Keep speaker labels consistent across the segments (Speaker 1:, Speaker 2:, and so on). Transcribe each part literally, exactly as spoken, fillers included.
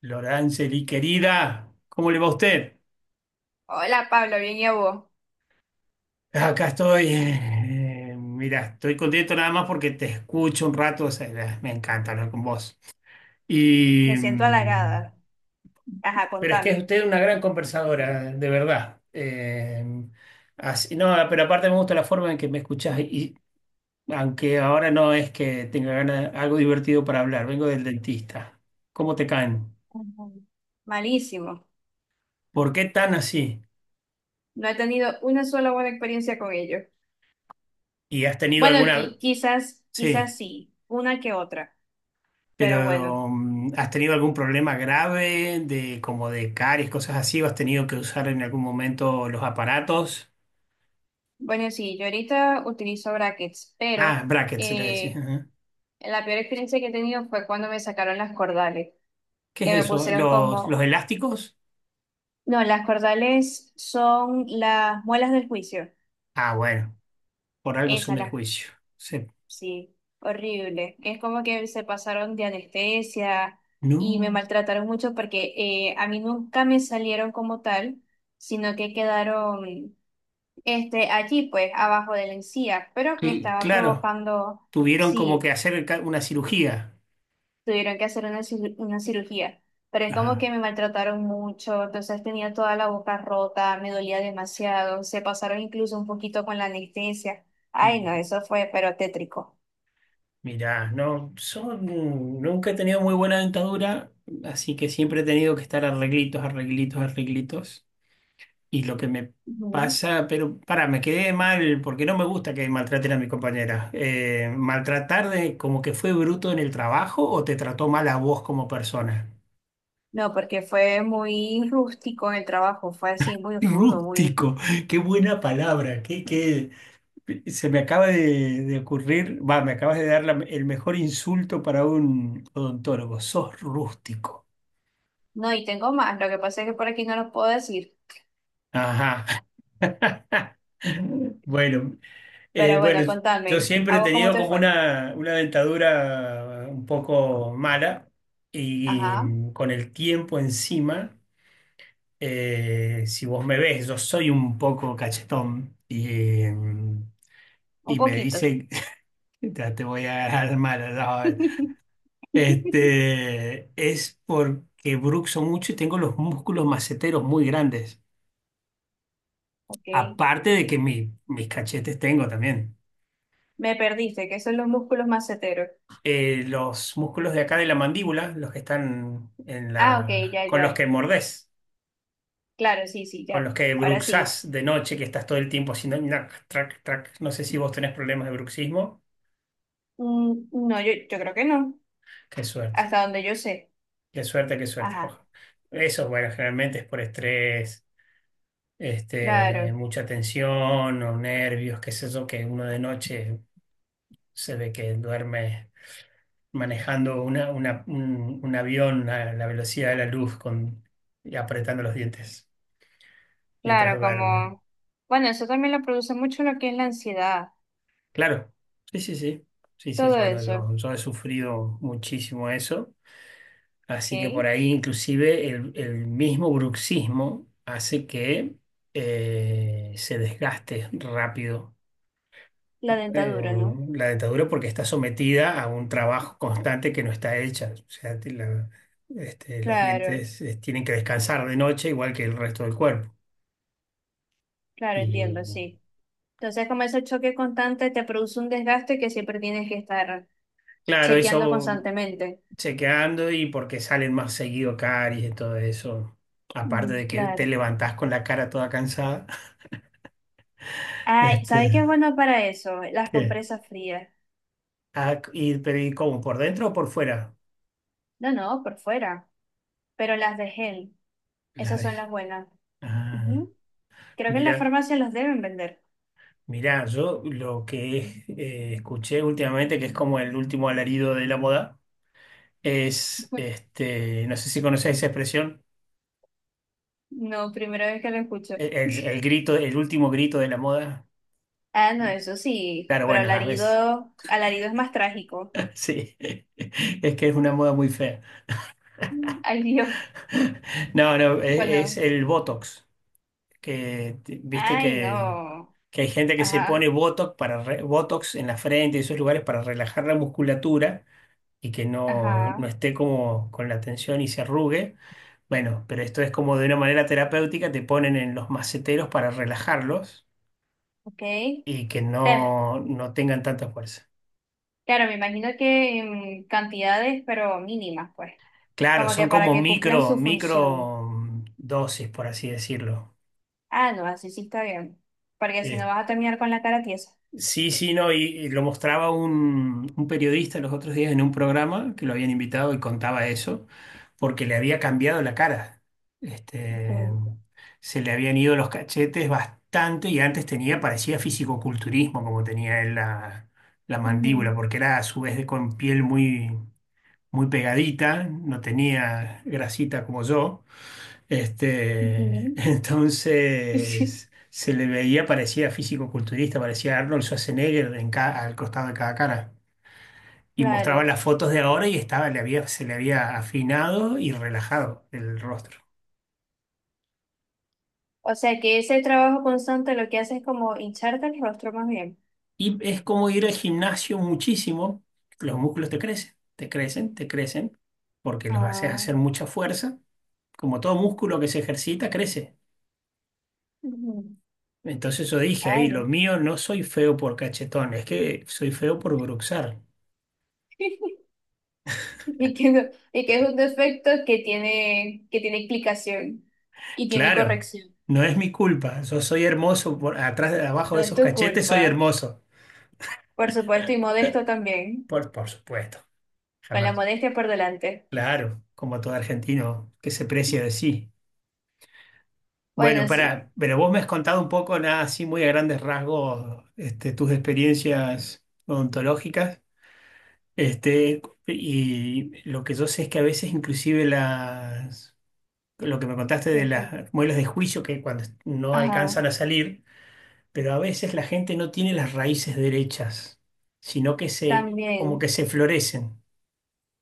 Speaker 1: Lorangeli, querida, ¿cómo le va a usted?
Speaker 2: Hola Pablo, bien y a vos.
Speaker 1: Acá estoy. Eh, mira, estoy contento nada más porque te escucho un rato. O sea, eh, me encanta hablar con vos. Y,
Speaker 2: Me siento
Speaker 1: mm,
Speaker 2: halagada. Ajá,
Speaker 1: pero es que es
Speaker 2: contame.
Speaker 1: usted una gran conversadora, de verdad. Eh, así, no, pero aparte me gusta la forma en que me escuchás. Y aunque ahora no es que tenga ganas, algo divertido para hablar, vengo del dentista. ¿Cómo te caen?
Speaker 2: Ujú. Malísimo.
Speaker 1: ¿Por qué tan así?
Speaker 2: No he tenido una sola buena experiencia con ellos.
Speaker 1: ¿Y has tenido
Speaker 2: Bueno,
Speaker 1: alguna...
Speaker 2: qui- quizás,
Speaker 1: Sí.
Speaker 2: quizás sí, una que otra, pero bueno.
Speaker 1: Pero, mm, has tenido algún problema grave de como de caries, cosas así? ¿O has tenido que usar en algún momento los aparatos?
Speaker 2: Bueno, sí, yo ahorita utilizo brackets,
Speaker 1: Ah,
Speaker 2: pero
Speaker 1: brackets se le decía.
Speaker 2: eh,
Speaker 1: Ajá.
Speaker 2: la peor experiencia que he tenido fue cuando me sacaron las cordales,
Speaker 1: ¿Qué
Speaker 2: que me
Speaker 1: es eso?
Speaker 2: pusieron
Speaker 1: ¿Los, los
Speaker 2: como,
Speaker 1: elásticos?
Speaker 2: no, las cordales son las muelas del juicio,
Speaker 1: Ah, bueno, por algo son
Speaker 2: esas,
Speaker 1: del
Speaker 2: las.
Speaker 1: juicio. Se-
Speaker 2: Sí, horrible. Es como que se pasaron de anestesia y me
Speaker 1: no,
Speaker 2: maltrataron mucho porque eh, a mí nunca me salieron como tal, sino que quedaron este, allí, pues, abajo de la encía, pero me
Speaker 1: cl-
Speaker 2: estaba
Speaker 1: claro,
Speaker 2: provocando,
Speaker 1: tuvieron como que
Speaker 2: sí,
Speaker 1: hacer ca- una cirugía.
Speaker 2: tuvieron que hacer una, cir- una cirugía, pero es como
Speaker 1: Ah,
Speaker 2: que me maltrataron mucho, entonces tenía toda la boca rota, me dolía demasiado, se pasaron incluso un poquito con la anestesia.
Speaker 1: y
Speaker 2: Ay, no, eso fue, pero tétrico.
Speaker 1: mirá, no, son, nunca he tenido muy buena dentadura, así que siempre he tenido que estar arreglitos, arreglitos, arreglitos. Y lo que me pasa, pero para, me quedé mal porque no me gusta que maltraten a mi compañera. Eh, ¿maltratar de como que fue bruto en el trabajo o te trató mal a vos como persona?
Speaker 2: No, porque fue muy rústico el trabajo, fue así muy rudo, muy.
Speaker 1: Rústico, qué buena palabra, qué, qué- se me acaba de, de ocurrir, va, me acabas de dar la- el mejor insulto para un odontólogo, sos rústico.
Speaker 2: No, y tengo más, lo que pasa es que por aquí no los puedo decir.
Speaker 1: Ajá. Bueno, Eh,
Speaker 2: Pero
Speaker 1: bueno,
Speaker 2: bueno,
Speaker 1: yo
Speaker 2: contame,
Speaker 1: siempre
Speaker 2: ¿a
Speaker 1: he
Speaker 2: vos cómo
Speaker 1: tenido
Speaker 2: te
Speaker 1: como
Speaker 2: fue?
Speaker 1: una, una dentadura un poco mala y,
Speaker 2: Ajá,
Speaker 1: con el tiempo encima, eh, si vos me ves, yo soy un poco cachetón y, eh,
Speaker 2: un
Speaker 1: y me
Speaker 2: poquito.
Speaker 1: dicen, ya te voy a agarrar mala, ya vas a ver". Este, es porque bruxo mucho y tengo los músculos maceteros muy grandes,
Speaker 2: Ok,
Speaker 1: aparte de que mi- mis cachetes tengo también.
Speaker 2: me perdiste, ¿que son los músculos maceteros?
Speaker 1: Eh, los músculos de acá de la mandíbula, los que están en
Speaker 2: Ah, ok,
Speaker 1: la,
Speaker 2: ya,
Speaker 1: con los
Speaker 2: ya.
Speaker 1: que mordés,
Speaker 2: Claro, sí, sí,
Speaker 1: con
Speaker 2: ya.
Speaker 1: los que
Speaker 2: Ahora sí.
Speaker 1: bruxás de noche, que estás todo el tiempo haciendo nac, trac, trac. No sé si vos tenés problemas de bruxismo.
Speaker 2: Mm, no, yo, yo creo que no,
Speaker 1: Qué suerte,
Speaker 2: hasta donde yo sé.
Speaker 1: qué suerte, qué suerte. Ojo.
Speaker 2: Ajá,
Speaker 1: Eso, bueno, generalmente es por estrés, este,
Speaker 2: claro,
Speaker 1: mucha tensión o nervios, qué es eso que uno de noche se ve que duerme manejando una, una- un, un avión a la velocidad de la luz con, y apretando los dientes, mientras
Speaker 2: claro,
Speaker 1: duerme.
Speaker 2: como. Bueno, eso también lo produce mucho lo que es la ansiedad,
Speaker 1: Claro, sí, sí, sí. Sí, sí,
Speaker 2: todo
Speaker 1: bueno,
Speaker 2: eso,
Speaker 1: yo, yo he sufrido muchísimo eso.
Speaker 2: ¿ok?
Speaker 1: Así que por ahí inclusive el, el mismo bruxismo hace que eh, se desgaste rápido
Speaker 2: La
Speaker 1: eh,
Speaker 2: dentadura, ¿no?
Speaker 1: la dentadura porque está sometida a un trabajo constante que no está hecha. O sea, te- la- este, los
Speaker 2: Claro,
Speaker 1: dientes eh, tienen que descansar de noche igual que el resto del cuerpo.
Speaker 2: claro, entiendo,
Speaker 1: Y
Speaker 2: sí. Entonces, como ese choque constante te produce un desgaste que siempre tienes que estar
Speaker 1: claro,
Speaker 2: chequeando
Speaker 1: eso
Speaker 2: constantemente.
Speaker 1: chequeando y porque salen más seguido caries y todo eso. Aparte
Speaker 2: Mm,
Speaker 1: de que te
Speaker 2: claro.
Speaker 1: levantás con la cara toda cansada.
Speaker 2: Ay, ¿sabes qué es
Speaker 1: Este,
Speaker 2: bueno para eso? Las
Speaker 1: ¿qué?
Speaker 2: compresas frías.
Speaker 1: Ah, y, pero ¿y cómo? ¿Por dentro o por fuera?
Speaker 2: No, no, por fuera, pero las de gel.
Speaker 1: La
Speaker 2: Esas son las
Speaker 1: dejé.
Speaker 2: buenas.
Speaker 1: Ah,
Speaker 2: Ujú. Creo que en la
Speaker 1: mira,
Speaker 2: farmacia las deben vender.
Speaker 1: mira, yo lo que eh, escuché últimamente, que es como el último alarido de la moda, es, este, no sé si conocés esa expresión,
Speaker 2: No, primera vez que lo escucho.
Speaker 1: el, el- el grito, el último grito de la moda.
Speaker 2: Ah, no, eso sí,
Speaker 1: Claro,
Speaker 2: pero
Speaker 1: bueno, a veces,
Speaker 2: alarido, alarido es más trágico.
Speaker 1: sí, es que es una moda muy fea.
Speaker 2: Mm. Ay, Dios.
Speaker 1: No, no, e- es,
Speaker 2: Bueno,
Speaker 1: el Botox, que t- viste
Speaker 2: ay,
Speaker 1: que,
Speaker 2: no.
Speaker 1: que hay gente que se pone
Speaker 2: Ajá.
Speaker 1: Botox, para re- Botox en la frente y esos lugares para relajar la musculatura y que no,
Speaker 2: Ajá,
Speaker 1: no esté como con la tensión y se arrugue. Bueno, pero esto es como de una manera terapéutica, te ponen en los maceteros para relajarlos
Speaker 2: ok.
Speaker 1: y que
Speaker 2: Te-
Speaker 1: no, no tengan tanta fuerza.
Speaker 2: Claro, me imagino que en cantidades, pero mínimas, pues.
Speaker 1: Claro,
Speaker 2: Como
Speaker 1: son
Speaker 2: que para
Speaker 1: como
Speaker 2: que cumplan
Speaker 1: micro,
Speaker 2: su función.
Speaker 1: micro mm, dosis, por así decirlo.
Speaker 2: Ah, no, así sí está bien. Porque si no
Speaker 1: Este,
Speaker 2: vas a terminar con la cara tiesa.
Speaker 1: sí, sí, no, y, y lo mostraba un, un periodista los otros días en un programa que lo habían invitado y contaba eso, porque le había cambiado la cara. Este,
Speaker 2: Claro.
Speaker 1: se le habían ido los cachetes bastante y antes tenía, parecía fisicoculturismo como tenía él la, la mandíbula,
Speaker 2: Ujú,
Speaker 1: porque era a su vez de- con piel muy, muy pegadita, no tenía grasita como yo. Este,
Speaker 2: ujú.
Speaker 1: entonces se le veía, parecía físico-culturista, parecía Arnold Schwarzenegger en ca- al costado de cada cara. Y mostraban
Speaker 2: Claro.
Speaker 1: las fotos de ahora y estaba, le había, se le había afinado y relajado el rostro.
Speaker 2: O sea que ese trabajo constante lo que hace es como hincharte el rostro más bien.
Speaker 1: Y es como ir al gimnasio muchísimo, los músculos te crecen, te crecen, te crecen, porque los haces
Speaker 2: Ah,
Speaker 1: hacer mucha fuerza. Como todo músculo que se ejercita, crece.
Speaker 2: ujú.
Speaker 1: Entonces yo dije ahí,
Speaker 2: Ay,
Speaker 1: lo
Speaker 2: no.
Speaker 1: mío no soy feo por cachetón, es que soy feo por bruxar.
Speaker 2: Y que, no- y que es un defecto que tiene, que tiene explicación y tiene
Speaker 1: Claro,
Speaker 2: corrección.
Speaker 1: no es mi culpa. Yo soy hermoso por atrás, de- abajo
Speaker 2: No
Speaker 1: de
Speaker 2: es
Speaker 1: esos
Speaker 2: tu
Speaker 1: cachetes,
Speaker 2: culpa.
Speaker 1: soy hermoso.
Speaker 2: Por supuesto, y modesto también,
Speaker 1: Por, por supuesto,
Speaker 2: con la
Speaker 1: jamás.
Speaker 2: modestia por delante.
Speaker 1: Claro, como todo argentino que se precia de sí. Bueno,
Speaker 2: Bueno, sí,
Speaker 1: para, pero vos me has contado un poco, nada así muy a grandes rasgos, este, tus experiencias odontológicas. Este, y lo que yo sé es que a veces inclusive las, lo que me contaste de
Speaker 2: es que-
Speaker 1: las muelas de juicio que cuando no
Speaker 2: ajá,
Speaker 1: alcanzan a salir pero a veces la gente no tiene las raíces derechas, sino que se, como que
Speaker 2: también.
Speaker 1: se florecen.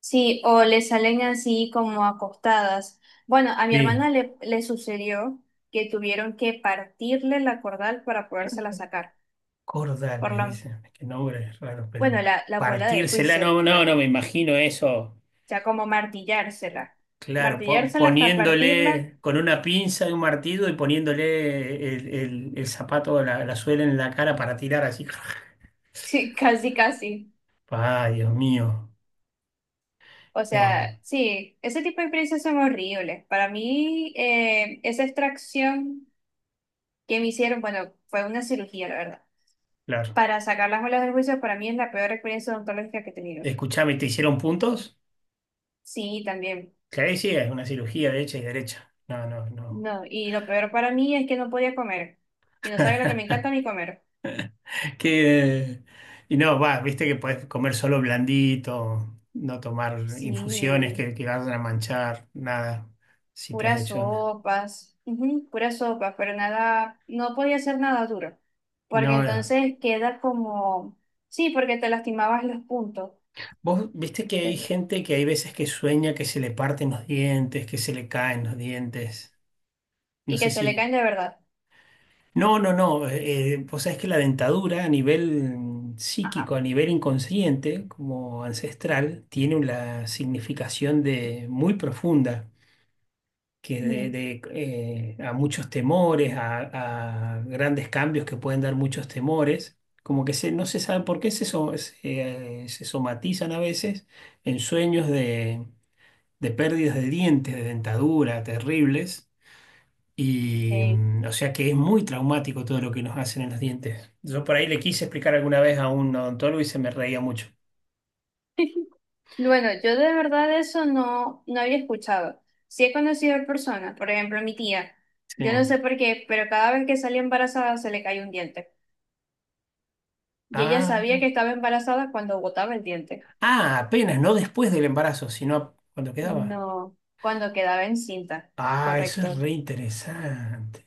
Speaker 2: Sí, o le salen así como acostadas. Bueno, a mi
Speaker 1: Sí,
Speaker 2: hermana le, le sucedió que tuvieron que partirle la cordal para podérsela sacar.
Speaker 1: cordal,
Speaker 2: Por
Speaker 1: le
Speaker 2: la,
Speaker 1: dicen, es que nombre es raro,
Speaker 2: bueno,
Speaker 1: pero
Speaker 2: la, la abuela del
Speaker 1: partírsela,
Speaker 2: juicio,
Speaker 1: no, no, no
Speaker 2: pues,
Speaker 1: me imagino eso.
Speaker 2: o sea, como martillársela.
Speaker 1: Claro, po-
Speaker 2: Martillársela hasta partirla.
Speaker 1: poniéndole con una pinza y un martillo y poniéndole el, el- el zapato, la, la suela en la cara para tirar así.
Speaker 2: Sí, casi, casi.
Speaker 1: Ay, Dios mío.
Speaker 2: O
Speaker 1: No,
Speaker 2: sea, sí, ese tipo de experiencias son horribles. Para mí, eh, esa extracción que me hicieron, bueno, fue una cirugía, la verdad.
Speaker 1: claro.
Speaker 2: Para sacar las muelas del juicio, para mí es la peor experiencia odontológica que he tenido.
Speaker 1: Escuchame, ¿te hicieron puntos?
Speaker 2: Sí, también.
Speaker 1: Claro, sí, es una cirugía de hecha y derecha. No, no, no.
Speaker 2: No, y lo peor para mí es que no podía comer. Y no sabía lo que me encanta ni comer.
Speaker 1: Que, y no, va, viste que puedes comer solo blandito, no tomar infusiones
Speaker 2: Sí,
Speaker 1: que, que vayan a manchar, nada, si te has
Speaker 2: puras
Speaker 1: hecho una.
Speaker 2: sopas, ujú, puras sopas, pero nada, no podía hacer nada duro. Porque
Speaker 1: No, no,
Speaker 2: entonces queda como, sí, porque te lastimabas los puntos.
Speaker 1: vos viste que hay gente que hay veces que sueña que se le parten los dientes, que se le caen los dientes. No
Speaker 2: Y que
Speaker 1: sé
Speaker 2: se le
Speaker 1: si.
Speaker 2: caen de verdad.
Speaker 1: No, no, no. Eh, eh, vos sabés que la dentadura a nivel mm, psíquico,
Speaker 2: Ajá.
Speaker 1: a nivel inconsciente, como ancestral, tiene una significación de muy profunda. Que de,
Speaker 2: Mm.
Speaker 1: de, eh, a muchos temores, a, a grandes cambios que pueden dar muchos temores, como que se, no se sabe por qué se, so- se, eh, se somatizan a veces en sueños de, de pérdidas de dientes, de dentadura, terribles. Y
Speaker 2: Eh,
Speaker 1: mm, o sea que es muy traumático todo lo que nos hacen en los dientes. Yo por ahí le quise explicar alguna vez a un odontólogo y se me reía mucho.
Speaker 2: Bueno, yo de verdad eso no, no había escuchado. Sí he conocido a personas, por ejemplo, mi tía.
Speaker 1: Sí.
Speaker 2: Yo no sé por qué, pero cada vez que salía embarazada se le cayó un diente. Y ella sabía
Speaker 1: Ah,
Speaker 2: que estaba embarazada cuando botaba el diente.
Speaker 1: ah, apenas, no después del embarazo, sino cuando quedaba.
Speaker 2: No, cuando quedaba encinta.
Speaker 1: Ah, eso es
Speaker 2: Correcto.
Speaker 1: re interesante.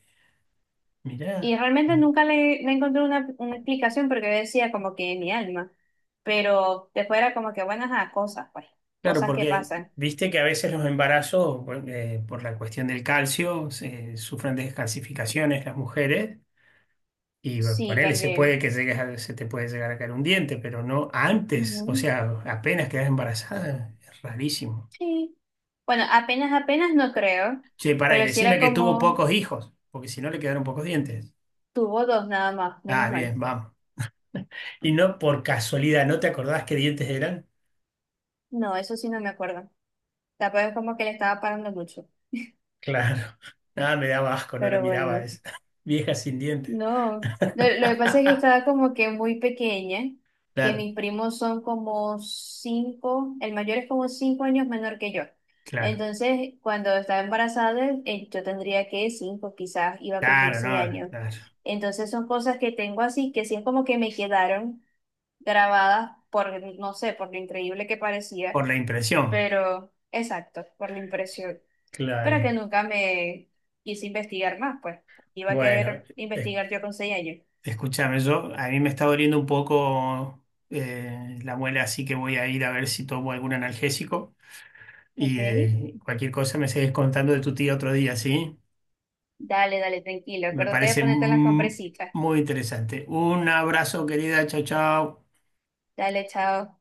Speaker 2: Y
Speaker 1: Mirá.
Speaker 2: realmente nunca le, le encontré una, una explicación porque yo decía como que mi alma. Pero después era como que, bueno, ajá, cosas, pues,
Speaker 1: Claro,
Speaker 2: cosas que
Speaker 1: porque
Speaker 2: pasan.
Speaker 1: viste que a veces los embarazos, bueno, eh, por la cuestión del calcio, se, sufren descalcificaciones las mujeres y bueno,
Speaker 2: Sí,
Speaker 1: ponele, se puede
Speaker 2: también.
Speaker 1: que llegues a- se te puede llegar a caer un diente, pero no antes, o
Speaker 2: Mm,
Speaker 1: sea, apenas quedas embarazada, es rarísimo.
Speaker 2: sí. Bueno, apenas, apenas no creo,
Speaker 1: Che, pará, y
Speaker 2: pero si
Speaker 1: decime
Speaker 2: era
Speaker 1: que tuvo
Speaker 2: como
Speaker 1: pocos hijos, porque si no le quedaron pocos dientes.
Speaker 2: tuvo dos nada más,
Speaker 1: Ah,
Speaker 2: menos mal.
Speaker 1: bien, vamos. Y no por casualidad, ¿no te acordás qué dientes eran?
Speaker 2: No, eso sí no me acuerdo. Tampoco es como que le estaba parando mucho,
Speaker 1: Claro. Nada, me daba asco, no la
Speaker 2: pero
Speaker 1: miraba
Speaker 2: bueno,
Speaker 1: esa. Vieja sin dientes.
Speaker 2: no. Lo, lo que pasa es que estaba como que muy pequeña, que
Speaker 1: Claro,
Speaker 2: mis primos son como cinco, el mayor es como cinco años menor que yo.
Speaker 1: claro.
Speaker 2: Entonces, cuando estaba embarazada, eh, yo tendría que cinco, quizás iba a cumplir
Speaker 1: Claro,
Speaker 2: seis
Speaker 1: no,
Speaker 2: años.
Speaker 1: claro.
Speaker 2: Entonces son cosas que tengo así, que sí es como que me quedaron grabadas por, no sé, por lo increíble que parecía,
Speaker 1: Por la impresión.
Speaker 2: pero exacto, por la impresión. Pero
Speaker 1: Claro.
Speaker 2: que nunca me quise investigar más, pues. Iba a
Speaker 1: Bueno,
Speaker 2: querer
Speaker 1: es-
Speaker 2: investigar yo con seis años.
Speaker 1: escúchame, yo, a mí me está doliendo un poco eh, la muela, así que voy a ir a ver si tomo algún analgésico
Speaker 2: Ok,
Speaker 1: y eh, cualquier cosa me seguís contando de tu tía otro día, ¿sí?
Speaker 2: dale, dale, tranquilo.
Speaker 1: Me
Speaker 2: Acuérdate de
Speaker 1: parece
Speaker 2: ponerte las
Speaker 1: mm,
Speaker 2: compresitas.
Speaker 1: muy interesante. Un abrazo, querida. Chao, chao.
Speaker 2: Dale, chao.